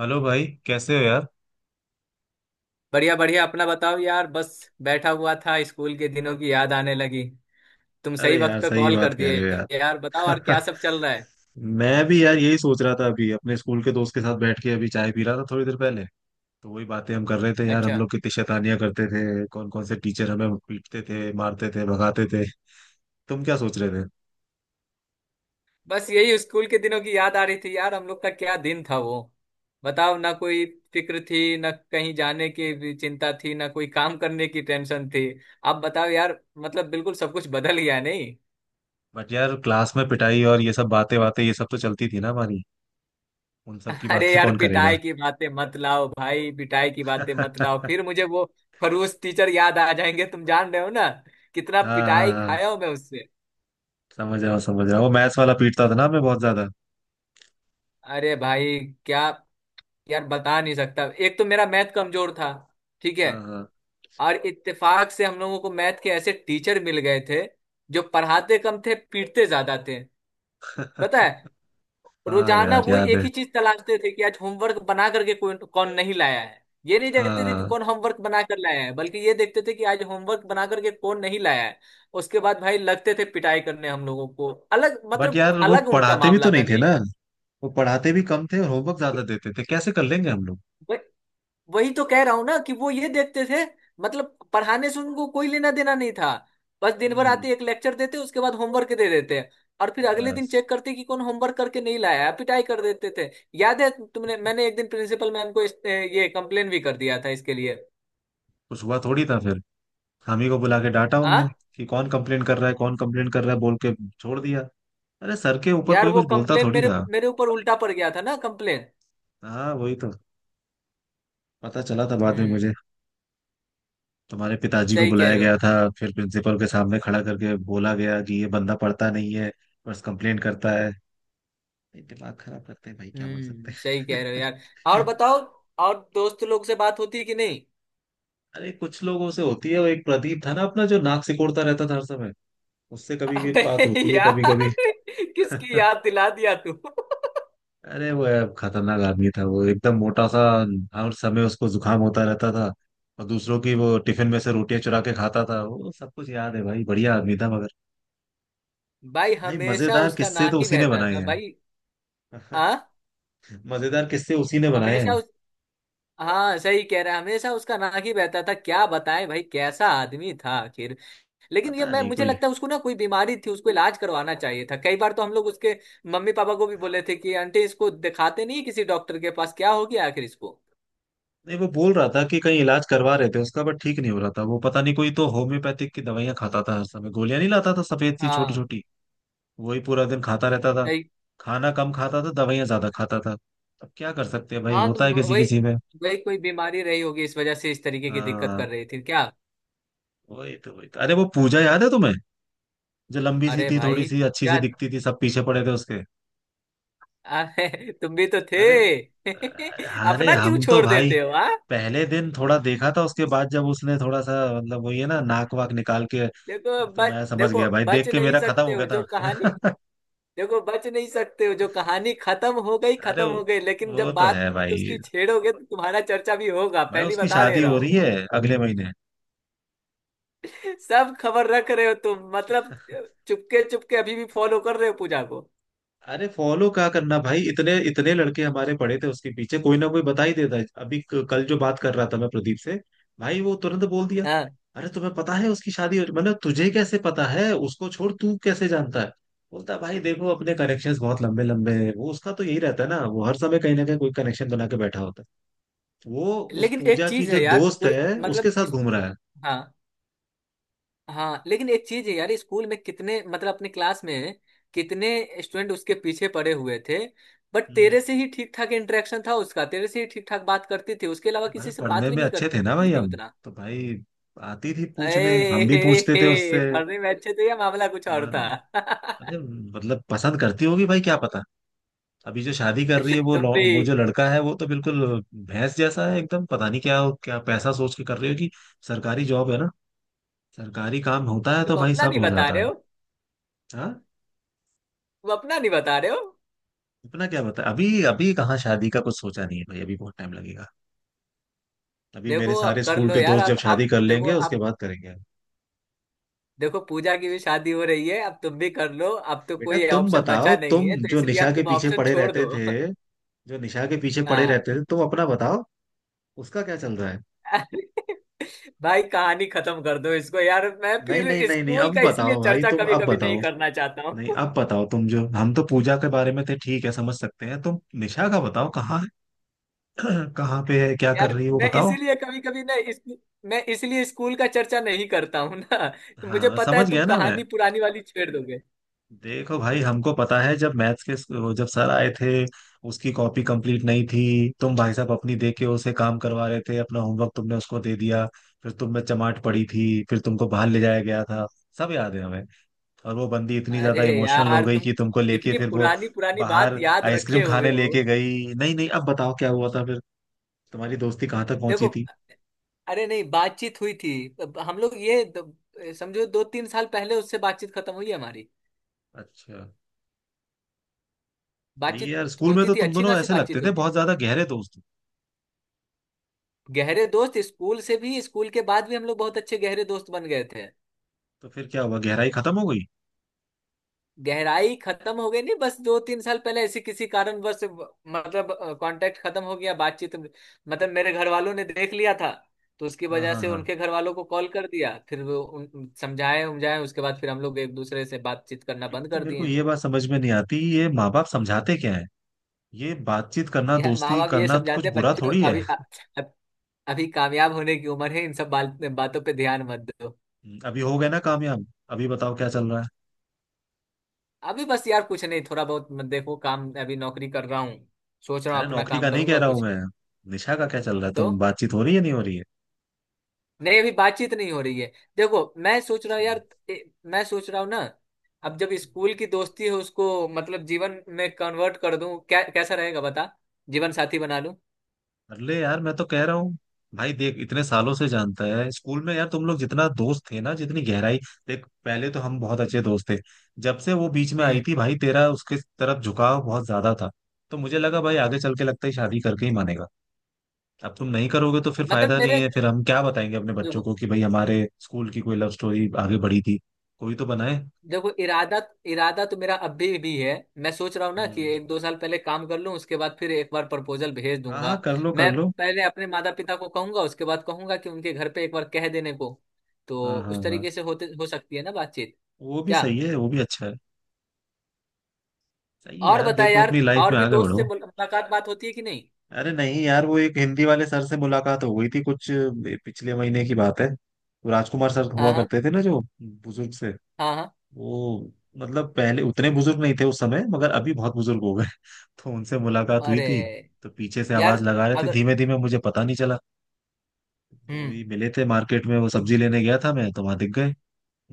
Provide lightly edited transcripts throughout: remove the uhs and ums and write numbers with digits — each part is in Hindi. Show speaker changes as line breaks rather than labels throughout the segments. हेलो भाई, कैसे हो यार।
बढ़िया बढ़िया अपना बताओ यार। बस बैठा हुआ था, स्कूल के दिनों की याद आने लगी। तुम
अरे
सही
यार,
वक्त पे
सही
कॉल
बात
कर
कह रहे हो
दिए यार, बताओ और
यार।
क्या सब चल रहा है।
मैं भी यार यही सोच रहा था, अभी अपने स्कूल के दोस्त के साथ बैठ के अभी चाय पी रहा था थोड़ी देर पहले। तो वही बातें हम कर रहे थे यार, हम
अच्छा।
लोग कितनी शैतानियां करते थे। कौन कौन से टीचर हमें पीटते थे, मारते थे, भगाते थे। तुम क्या सोच रहे थे।
बस यही स्कूल के दिनों की याद आ रही थी यार, हम लोग का क्या दिन था वो। बताओ, ना कोई फिक्र थी, ना कहीं जाने की भी चिंता थी, ना कोई काम करने की टेंशन थी। अब बताओ यार, मतलब बिल्कुल सब कुछ बदल गया नहीं।
बट यार, क्लास में पिटाई और ये सब बातें बातें, ये सब तो चलती थी ना हमारी। उन सब की
अरे
बातें
यार
कौन करेगा।
पिटाई की बातें मत लाओ भाई, पिटाई की बातें मत लाओ, फिर मुझे वो खड़ूस टीचर याद आ जाएंगे। तुम जान रहे हो ना कितना
हाँ हाँ
पिटाई
हाँ।
खाया हूं मैं उससे।
समझ रहा हूँ समझ रहा हूँ, वो मैथ्स वाला पीटता था ना हमें बहुत ज्यादा।
अरे भाई। क्या। यार बता नहीं सकता, एक तो मेरा मैथ कमजोर था। ठीक है।
हाँ हाँ।
और इत्तेफाक से हम लोगों को मैथ के ऐसे टीचर मिल गए थे जो पढ़ाते कम थे पीटते ज्यादा थे। पता है,
हाँ
रोजाना
यार,
वो
याद
एक
है।
ही चीज तलाशते थे कि आज होमवर्क बना करके कौन कौन नहीं लाया है। ये नहीं देखते थे कि
हाँ।
कौन होमवर्क बना कर लाया है, बल्कि ये देखते थे कि आज होमवर्क बना करके कौन नहीं लाया है। उसके बाद भाई लगते थे पिटाई करने, हम लोगों को अलग,
बट
मतलब
यार, वो
अलग उनका
पढ़ाते भी
मामला
तो
था।
नहीं थे ना। वो पढ़ाते भी कम थे और होमवर्क ज्यादा
नहीं,
देते थे, कैसे कर लेंगे हम लोग।
वही तो कह रहा हूं ना कि वो ये देखते थे। मतलब पढ़ाने से उनको कोई लेना देना नहीं था। बस दिन भर
हम्म।
आते, एक लेक्चर देते, उसके बाद होमवर्क दे देते। और फिर अगले दिन
बस,
चेक करते कि कौन होमवर्क करके नहीं लाया है, पिटाई कर देते थे। याद है, तुमने मैंने एक दिन प्रिंसिपल मैम को ये कंप्लेन भी कर दिया था इसके लिए।
कुछ हुआ थोड़ी था फिर। हम ही को बुला के डांटा
हाँ
उनने कि कौन कंप्लेन कर रहा है, कौन कंप्लेन कर रहा है बोल के छोड़ दिया। अरे, सर के ऊपर
यार,
कोई
वो
कुछ बोलता
कंप्लेन
थोड़ी
मेरे
था।
मेरे ऊपर उल्टा पड़ गया था ना, कंप्लेन।
हाँ, वही तो। पता चला था बाद में
हम्म,
मुझे। तुम्हारे पिताजी को
सही कह
बुलाया
रहे हो।
गया था, फिर प्रिंसिपल के सामने खड़ा करके बोला गया कि ये बंदा पढ़ता नहीं है, बस कंप्लेन करता है। भाई, दिमाग खराब करते हैं भाई, क्या बोल सकते
हम्म, सही कह रहे हो यार। और
हैं।
बताओ, और दोस्त लोग से बात होती है कि नहीं।
अरे, कुछ लोगों से होती है। वो एक प्रदीप था ना अपना, जो नाक सिकोड़ता रहता था हर समय। उससे कभी भी
अबे
बात होती है, कभी
यार,
कभी।
किसकी याद दिला दिया तू।
अरे वो यार, खतरनाक आदमी था वो, एकदम मोटा सा। हर समय उसको जुकाम होता रहता था। और दूसरों की वो टिफिन में से रोटियां चुरा के खाता था, वो सब कुछ याद है भाई, बढ़िया आदमी था मगर।
भाई
भाई,
हमेशा
मजेदार
उसका
किस्से
नाक
तो
ही
उसी ने
बहता
बनाए
था
हैं।
भाई। हाँ।
मजेदार किस्से उसी ने बनाए
हमेशा
हैं।
उस हाँ, सही कह रहा है, हमेशा उसका नाक ही बहता था। क्या बताएं भाई, कैसा आदमी था आखिर। लेकिन ये
पता
मैं,
नहीं,
मुझे
कोई।
लगता है उसको ना कोई बीमारी थी, उसको इलाज करवाना चाहिए था। कई बार तो हम लोग उसके मम्मी पापा को भी बोले थे कि आंटी इसको दिखाते नहीं किसी डॉक्टर के पास, क्या हो गया आखिर इसको।
नहीं, वो बोल रहा था कि कहीं इलाज करवा रहे थे उसका, बट ठीक नहीं हो रहा था वो, पता नहीं, कोई तो होम्योपैथिक की दवाइयां खाता था हर समय, गोलियां नहीं लाता था सफेद सी छोटी
हाँ।
छोटी। वही पूरा दिन खाता रहता था।
सही।
खाना कम खाता था, दवाइयां ज्यादा खाता था। अब क्या कर सकते हैं भाई,
हाँ, तो
होता है किसी
वही।
किसी में।
वही कोई बीमारी रही होगी इस वजह से, इस तरीके की दिक्कत कर
हाँ,
रही थी क्या।
वही तो वही तो। अरे, वो पूजा याद है तुम्हें, जो लंबी सी
अरे
थी, थोड़ी
भाई।
सी अच्छी सी
क्या।
दिखती थी, सब पीछे पड़े थे उसके।
अरे, तुम भी तो थे।
अरे। अरे,
अपना क्यों
हम तो
छोड़
भाई
देते हो, हाँ।
पहले दिन थोड़ा देखा था, उसके बाद जब उसने थोड़ा सा, मतलब वही है ना, नाक वाक निकाल के, तो मैं समझ
देखो
गया भाई,
बच
देख के
नहीं
मेरा खत्म
सकते
हो
हो
गया
जो कहानी।
था।
देखो बच नहीं सकते हो, जो कहानी खत्म हो गई
अरे
खत्म
वो
हो गई, लेकिन
वो
जब
तो
बात
है भाई।
उसकी छेड़ोगे तो तुम्हारा चर्चा भी होगा,
भाई,
पहली
उसकी
बता दे
शादी
रहा
हो रही
हूँ।
है अगले महीने।
सब खबर रख रहे हो तुम, मतलब। चुपके चुपके अभी भी फॉलो कर रहे हो पूजा को।
अरे, फॉलो क्या करना भाई, इतने इतने लड़के हमारे पड़े थे उसके पीछे, कोई ना कोई बता ही देता है। अभी कल जो बात कर रहा था मैं प्रदीप से, भाई वो तुरंत बोल दिया।
हाँ।
अरे, तुम्हें पता है मतलब तुझे कैसे पता है, उसको छोड़, तू कैसे जानता है। बोलता है, भाई देखो, अपने कनेक्शंस बहुत लंबे लंबे हैं। वो, उसका तो यही रहता है ना, वो हर समय कहीं ना कहीं कोई कनेक्शन बना के बैठा होता है। वो उस
लेकिन एक
पूजा की
चीज
जो
है यार
दोस्त
पूरे,
है उसके
मतलब
साथ
इस।
घूम रहा है।
हाँ। हाँ, लेकिन एक चीज है यार, स्कूल में कितने, मतलब अपने क्लास में कितने स्टूडेंट उसके पीछे पड़े हुए थे। बट
हम्म।
तेरे से ही ठीक ठाक इंटरेक्शन था उसका, तेरे से ही ठीक ठाक बात करती थी, उसके अलावा
भाई,
किसी से
पढ़ने
बात भी
में
नहीं
अच्छे थे ना
करती
भाई
थी
हम,
उतना।
तो भाई आती थी
ए,
पूछने, हम भी
हे,
पूछते थे
हे,
उससे।
पढ़ने में अच्छे थे या मामला कुछ और था।
अरे, मतलब पसंद करती होगी भाई, क्या पता। अभी जो शादी कर रही है वो
तुम भी।
वो जो लड़का है वो तो बिल्कुल भैंस जैसा है एकदम, पता नहीं क्या। क्या पैसा सोच के कर रही होगी। सरकारी जॉब है ना। सरकारी काम होता है
तुम
तो भाई
अपना
सब
नहीं
हो
बता
जाता
रहे
है।
हो।
हाँ।
तुम अपना नहीं बता रहे हो।
अपना क्या बता, अभी अभी कहाँ, शादी का कुछ सोचा नहीं है भाई, अभी बहुत टाइम लगेगा। अभी मेरे
देखो
सारे
अब कर
स्कूल
लो
के
यार।
दोस्त जब
आप
शादी
आप
कर
देखो
लेंगे, उसके
आप।
बाद करेंगे।
देखो पूजा की भी शादी हो रही है, अब तुम भी कर लो। अब तो
बेटा
कोई
तुम
ऑप्शन
बताओ,
बचा नहीं
तुम
है, तो
जो
इसलिए
निशा
अब
के
तुम
पीछे
ऑप्शन
पड़े
छोड़
रहते
दो।
थे, जो निशा के पीछे पड़े
हाँ।
रहते थे, तुम अपना बताओ, उसका क्या चल रहा है।
भाई कहानी खत्म कर दो इसको यार, मैं
नहीं
फिर
नहीं नहीं नहीं,
स्कूल
अब
का इसलिए
बताओ भाई,
चर्चा
तुम
कभी
अब
कभी नहीं
बताओ।
करना चाहता
नहीं,
हूँ।
अब बताओ तुम, जो हम तो पूजा के बारे में थे ठीक है, समझ सकते हैं, तुम निशा का बताओ कहाँ है। कहाँ पे है, क्या कर
यार
रही है वो,
मैं
बताओ।
इसीलिए कभी कभी ना मैं इसलिए स्कूल का चर्चा नहीं करता हूँ ना, तो
हाँ,
मुझे
मैं
पता है
समझ
तुम
गया ना मैं।
कहानी पुरानी वाली छेड़ दोगे।
देखो भाई, हमको पता है, जब मैथ्स के, जब सर आए थे, उसकी कॉपी कंप्लीट नहीं थी। तुम भाई साहब अपनी दे के उसे काम करवा रहे थे, अपना होमवर्क तुमने उसको दे दिया। फिर तुम में चमाट पड़ी थी, फिर तुमको बाहर ले जाया गया था। सब याद है हमें। और वो बंदी इतनी ज्यादा
अरे
इमोशनल हो
यार
गई
तुम
कि तुमको लेके
कितनी
फिर वो
पुरानी पुरानी बात
बाहर
याद
आइसक्रीम
रखे हुए
खाने
हो।
लेके गई। नहीं नहीं, अब बताओ क्या हुआ था फिर, तुम्हारी दोस्ती कहाँ तक पहुंची
देखो।
थी।
अरे नहीं बातचीत हुई थी। अब हम लोग ये समझो दो तीन साल पहले उससे बातचीत खत्म हुई है हमारी।
अच्छा। सही है
बातचीत
यार, स्कूल में
होती
तो
थी,
तुम
अच्छी
दोनों
खासी
ऐसे लगते
बातचीत
थे
होती थी।
बहुत ज्यादा गहरे दोस्त हो।
गहरे दोस्त स्कूल से भी, स्कूल के बाद भी हम लोग बहुत अच्छे गहरे दोस्त बन गए थे।
तो फिर क्या हुआ, गहराई खत्म हो गई।
गहराई खत्म हो गई नहीं, बस दो तीन साल पहले ऐसे किसी कारणवश मतलब कांटेक्ट खत्म हो गया। बातचीत मतलब मेरे घर वालों ने देख लिया था। तो उसकी
हाँ
वजह
हाँ
से
हाँ।
उनके घर वालों को कॉल कर दिया, फिर वो समझाए उमझाए, उसके बाद फिर हम लोग एक दूसरे से बातचीत करना
एक
बंद
तो
कर
मेरे को
दिए।
ये बात समझ में नहीं आती, ये माँ बाप समझाते क्या है। ये बातचीत करना,
यार माँ
दोस्ती
बाप ये
करना तो कुछ
समझाते हैं,
बुरा
बच्चों
थोड़ी है।
अभी अ- अभी कामयाब होने की उम्र है, इन सब बातों पे ध्यान मत दो।
अभी हो गए ना कामयाब। अभी बताओ क्या चल रहा है।
अभी बस यार कुछ नहीं, थोड़ा बहुत मत देखो काम, अभी नौकरी कर रहा हूँ, सोच रहा
अरे,
हूँ अपना
नौकरी का
काम
नहीं कह
करूंगा
रहा हूँ
कुछ।
मैं। निशा का क्या चल रहा है
तो
तुम, बातचीत हो रही है नहीं हो रही है।
नहीं अभी बातचीत नहीं हो रही है। देखो मैं सोच रहा हूँ यार। ए, मैं सोच रहा हूँ ना, अब जब स्कूल
अच्छा।
की दोस्ती है उसको मतलब जीवन में कन्वर्ट कर दूं, क्या कैसा रहेगा बता। जीवन साथी बना लूं।
अरे यार, मैं तो कह रहा हूँ भाई, देख, इतने सालों से जानता है स्कूल में यार, तुम लोग जितना दोस्त थे ना, जितनी गहराई। देख, पहले तो हम बहुत अच्छे दोस्त थे। जब से वो बीच में आई
हम्म।
थी भाई, तेरा उसके तरफ झुकाव बहुत ज्यादा था। तो मुझे लगा भाई, आगे चल के लगता है शादी करके ही मानेगा। अब तुम नहीं करोगे तो फिर
मतलब
फायदा नहीं
मेरे,
है, फिर हम क्या बताएंगे अपने बच्चों को कि भाई हमारे स्कूल की कोई लव स्टोरी आगे बढ़ी थी। कोई तो बनाए।
देखो इरादा, इरादा तो मेरा अभी भी है। मैं सोच रहा हूँ ना कि
हम्म।
एक दो साल पहले काम कर लूँ, उसके बाद फिर एक बार प्रपोजल भेज
हाँ
दूंगा।
हाँ, कर लो कर
मैं
लो।
पहले अपने माता पिता को कहूंगा, उसके बाद कहूंगा कि उनके घर पे एक बार कह देने को। तो
हाँ हाँ
उस
हाँ,
तरीके से होते, हो सकती है ना बातचीत।
वो भी
क्या।
सही है, वो भी अच्छा है। सही है
और
यार,
बता
देखो
यार,
अपनी लाइफ
और
में
भी
आगे
दोस्त से
बढ़ो।
मुलाकात बात होती है कि नहीं।
अरे नहीं यार, वो एक हिंदी वाले सर से मुलाकात हो गई थी, कुछ पिछले महीने की बात है, वो राजकुमार सर हुआ
हाँ हाँ
करते थे ना, जो बुजुर्ग से।
हाँ। हाँ।
वो मतलब पहले उतने बुजुर्ग नहीं थे उस समय, मगर अभी बहुत बुजुर्ग हो गए। तो उनसे मुलाकात हुई
अरे
थी। तो पीछे से आवाज
यार।
लगा रहे थे
अगर।
धीमे धीमे, मुझे पता नहीं चला।
हम्म।
वही मिले थे मार्केट में, वो
तो
सब्जी लेने गया था मैं, तो वहां दिख गए।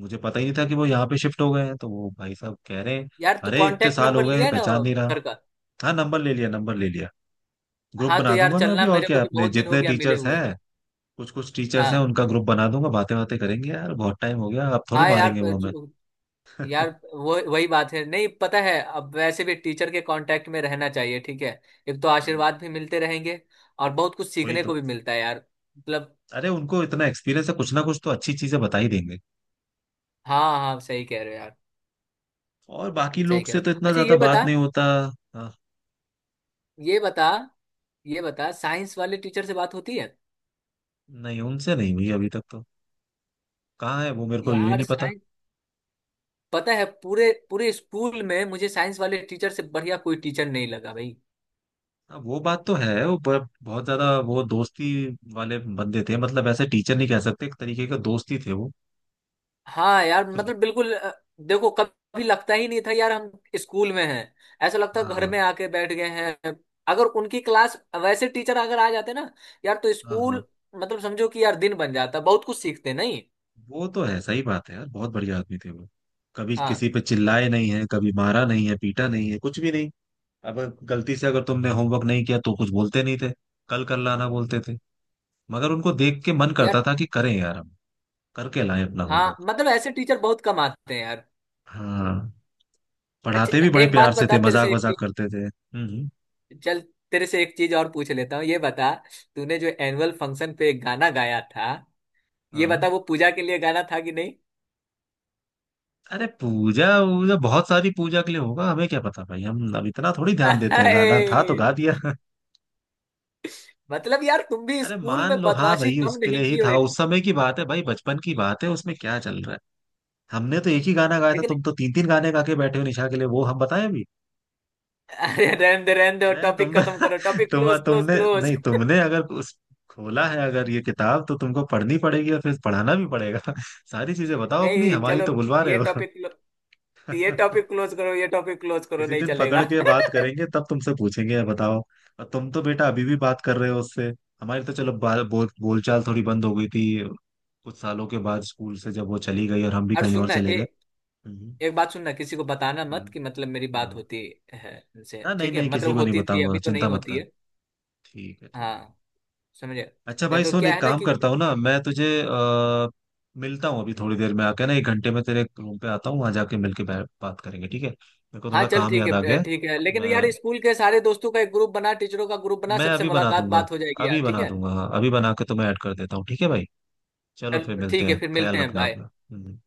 मुझे पता ही नहीं था कि वो यहाँ पे शिफ्ट हो गए हैं, तो वो भाई साहब कह रहे हैं,
यार तू
अरे इतने
कांटेक्ट
साल हो
नंबर
गए
लिया ना,
पहचान नहीं रहा।
सर का।
हाँ, नंबर ले लिया नंबर ले लिया। ग्रुप
हाँ। तो
बना
यार
दूंगा मैं अभी,
चलना,
और
मेरे को
क्या
भी
अपने
बहुत दिन हो
जितने
गया मिले
टीचर्स
हुए।
हैं, कुछ कुछ टीचर्स हैं,
हाँ
उनका ग्रुप बना दूंगा, बातें बातें करेंगे यार, बहुत टाइम हो गया, अब थोड़ी
हाँ। यार।
मारेंगे वो हमें।
यार वो वही बात है, नहीं पता है अब वैसे भी टीचर के कांटेक्ट में रहना चाहिए। ठीक है, एक तो
हाँ,
आशीर्वाद भी मिलते रहेंगे और बहुत कुछ
वही
सीखने को
तो।
भी मिलता है यार। मतलब।
अरे, उनको इतना एक्सपीरियंस है, कुछ ना कुछ तो अच्छी चीजें बता ही देंगे।
हाँ हाँ सही कह रहे हो यार।
और बाकी
सही
लोग
कह
से
रहे
तो
हो।
इतना
अच्छा
ज्यादा
ये
बात
बता,
नहीं होता। हाँ।
ये बता। ये बता साइंस वाले टीचर से बात होती है।
नहीं, उनसे नहीं हुई अभी तक तो। कहाँ है वो, मेरे को यही
यार
नहीं पता।
साइंस। पता है पूरे पूरे स्कूल में मुझे साइंस वाले टीचर से बढ़िया कोई टीचर नहीं लगा भाई।
हाँ, वो बात तो है। वो बहुत ज्यादा वो दोस्ती वाले बंदे थे, मतलब ऐसे टीचर नहीं कह सकते, एक तरीके का दोस्त ही थे वो।
हाँ यार,
कुछ।
मतलब बिल्कुल देखो कभी लगता ही नहीं था यार हम स्कूल में हैं, ऐसा लगता घर
हाँ
में आके बैठ गए हैं। अगर उनकी क्लास, वैसे टीचर अगर आ जाते ना यार, तो
हाँ हाँ,
स्कूल मतलब समझो कि यार दिन बन जाता, बहुत कुछ सीखते नहीं।
वो तो है, सही बात है यार, बहुत बढ़िया आदमी थे वो। कभी
हाँ
किसी पे चिल्लाए नहीं है, कभी मारा नहीं है, पीटा नहीं है, कुछ भी नहीं। अब गलती से अगर तुमने होमवर्क नहीं किया तो कुछ बोलते नहीं थे, कल कर लाना बोलते थे। मगर उनको देख के मन करता
यार।
था कि करें यार हम, करके लाएं अपना
हाँ,
होमवर्क।
मतलब ऐसे टीचर बहुत कम आते हैं यार।
हाँ, पढ़ाते
अच्छा
भी बड़े
एक
प्यार
बात
से थे,
बता तेरे
मजाक
से एक
मजाक
चीज।
करते थे। हम्म।
चल तेरे से एक चीज और पूछ लेता हूँ, ये बता। तूने जो एनुअल फंक्शन पे एक गाना गाया था, ये
हाँ।
बता वो पूजा के लिए गाना था कि नहीं।
अरे, पूजा वूजा बहुत सारी पूजा के लिए होगा, हमें क्या पता भाई, हम अब इतना थोड़ी ध्यान देते हैं,
अरे
गाना था तो गा दिया।
मतलब यार, तुम भी
अरे
स्कूल
मान
में
लो, हाँ
बदमाशी
भाई
कम
उसके लिए
नहीं
ही
की हो।
था,
एक।
उस समय की बात है भाई, बचपन की बात है, उसमें क्या चल रहा है। हमने तो एक ही गाना गाया था,
लेकिन।
तुम तो तीन तीन गाने गा के बैठे हो निशा के लिए, वो हम बताएं अभी।
अरे रहने दो रहने दो,
मैं तुम
टॉपिक खत्म करो, टॉपिक
तुम
क्लोज क्लोज
तुमने
क्लोज।
नहीं, तुमने अगर उस खोला है, अगर ये किताब, तो तुमको पढ़नी पड़ेगी और फिर पढ़ाना भी पड़ेगा। सारी चीजें बताओ अपनी,
नहीं
हमारी
चलो,
तो बुलवा रहे
ये
हो।
टॉपिक ये टॉपिक क्लोज करो, ये टॉपिक क्लोज करो,
किसी
नहीं
दिन
चलेगा।
पकड़ के बात करेंगे, तब तुमसे पूछेंगे, बताओ। और तुम तो बेटा अभी भी बात कर रहे हो उससे। हमारी तो चलो बा- बोल बोलचाल थोड़ी बंद हो गई थी, कुछ सालों के बाद स्कूल से जब वो चली गई और हम भी
और
कहीं और
सुनना
चले गए। हम्म।
एक बात सुनना किसी को बताना मत
हाँ
कि मतलब मेरी बात
हाँ
होती है इनसे।
हाँ। नहीं
ठीक है,
नहीं,
मतलब
किसी को नहीं
होती थी,
बताऊंगा,
अभी तो नहीं
चिंता मत
होती
कर,
है।
ठीक है ठीक है।
हाँ। समझे।
अच्छा
नहीं
भाई
तो
सुन,
क्या
एक
है ना
काम
कि।
करता हूँ ना, मैं तुझे आ, मिलता हूँ अभी थोड़ी देर में आके ना, 1 घंटे में तेरे रूम पे आता हूँ, वहां जाके मिलके बात करेंगे, ठीक है, मेरे को
हाँ
थोड़ा
चल
काम
ठीक
याद आ गया
है
है।
ठीक है, लेकिन यार
मैं
स्कूल के सारे दोस्तों का एक ग्रुप बना, टीचरों का ग्रुप बना,
मैं
सबसे
अभी बना
मुलाकात
दूंगा,
बात हो जाएगी यार,
अभी
ठीक
बना
है।
दूंगा, हाँ अभी बना के तो मैं ऐड कर देता हूँ, ठीक है भाई। चलो फिर
चल
मिलते
ठीक है
हैं,
फिर मिलते
ख्याल
हैं,
रखना
बाय।
अपना। हम्म।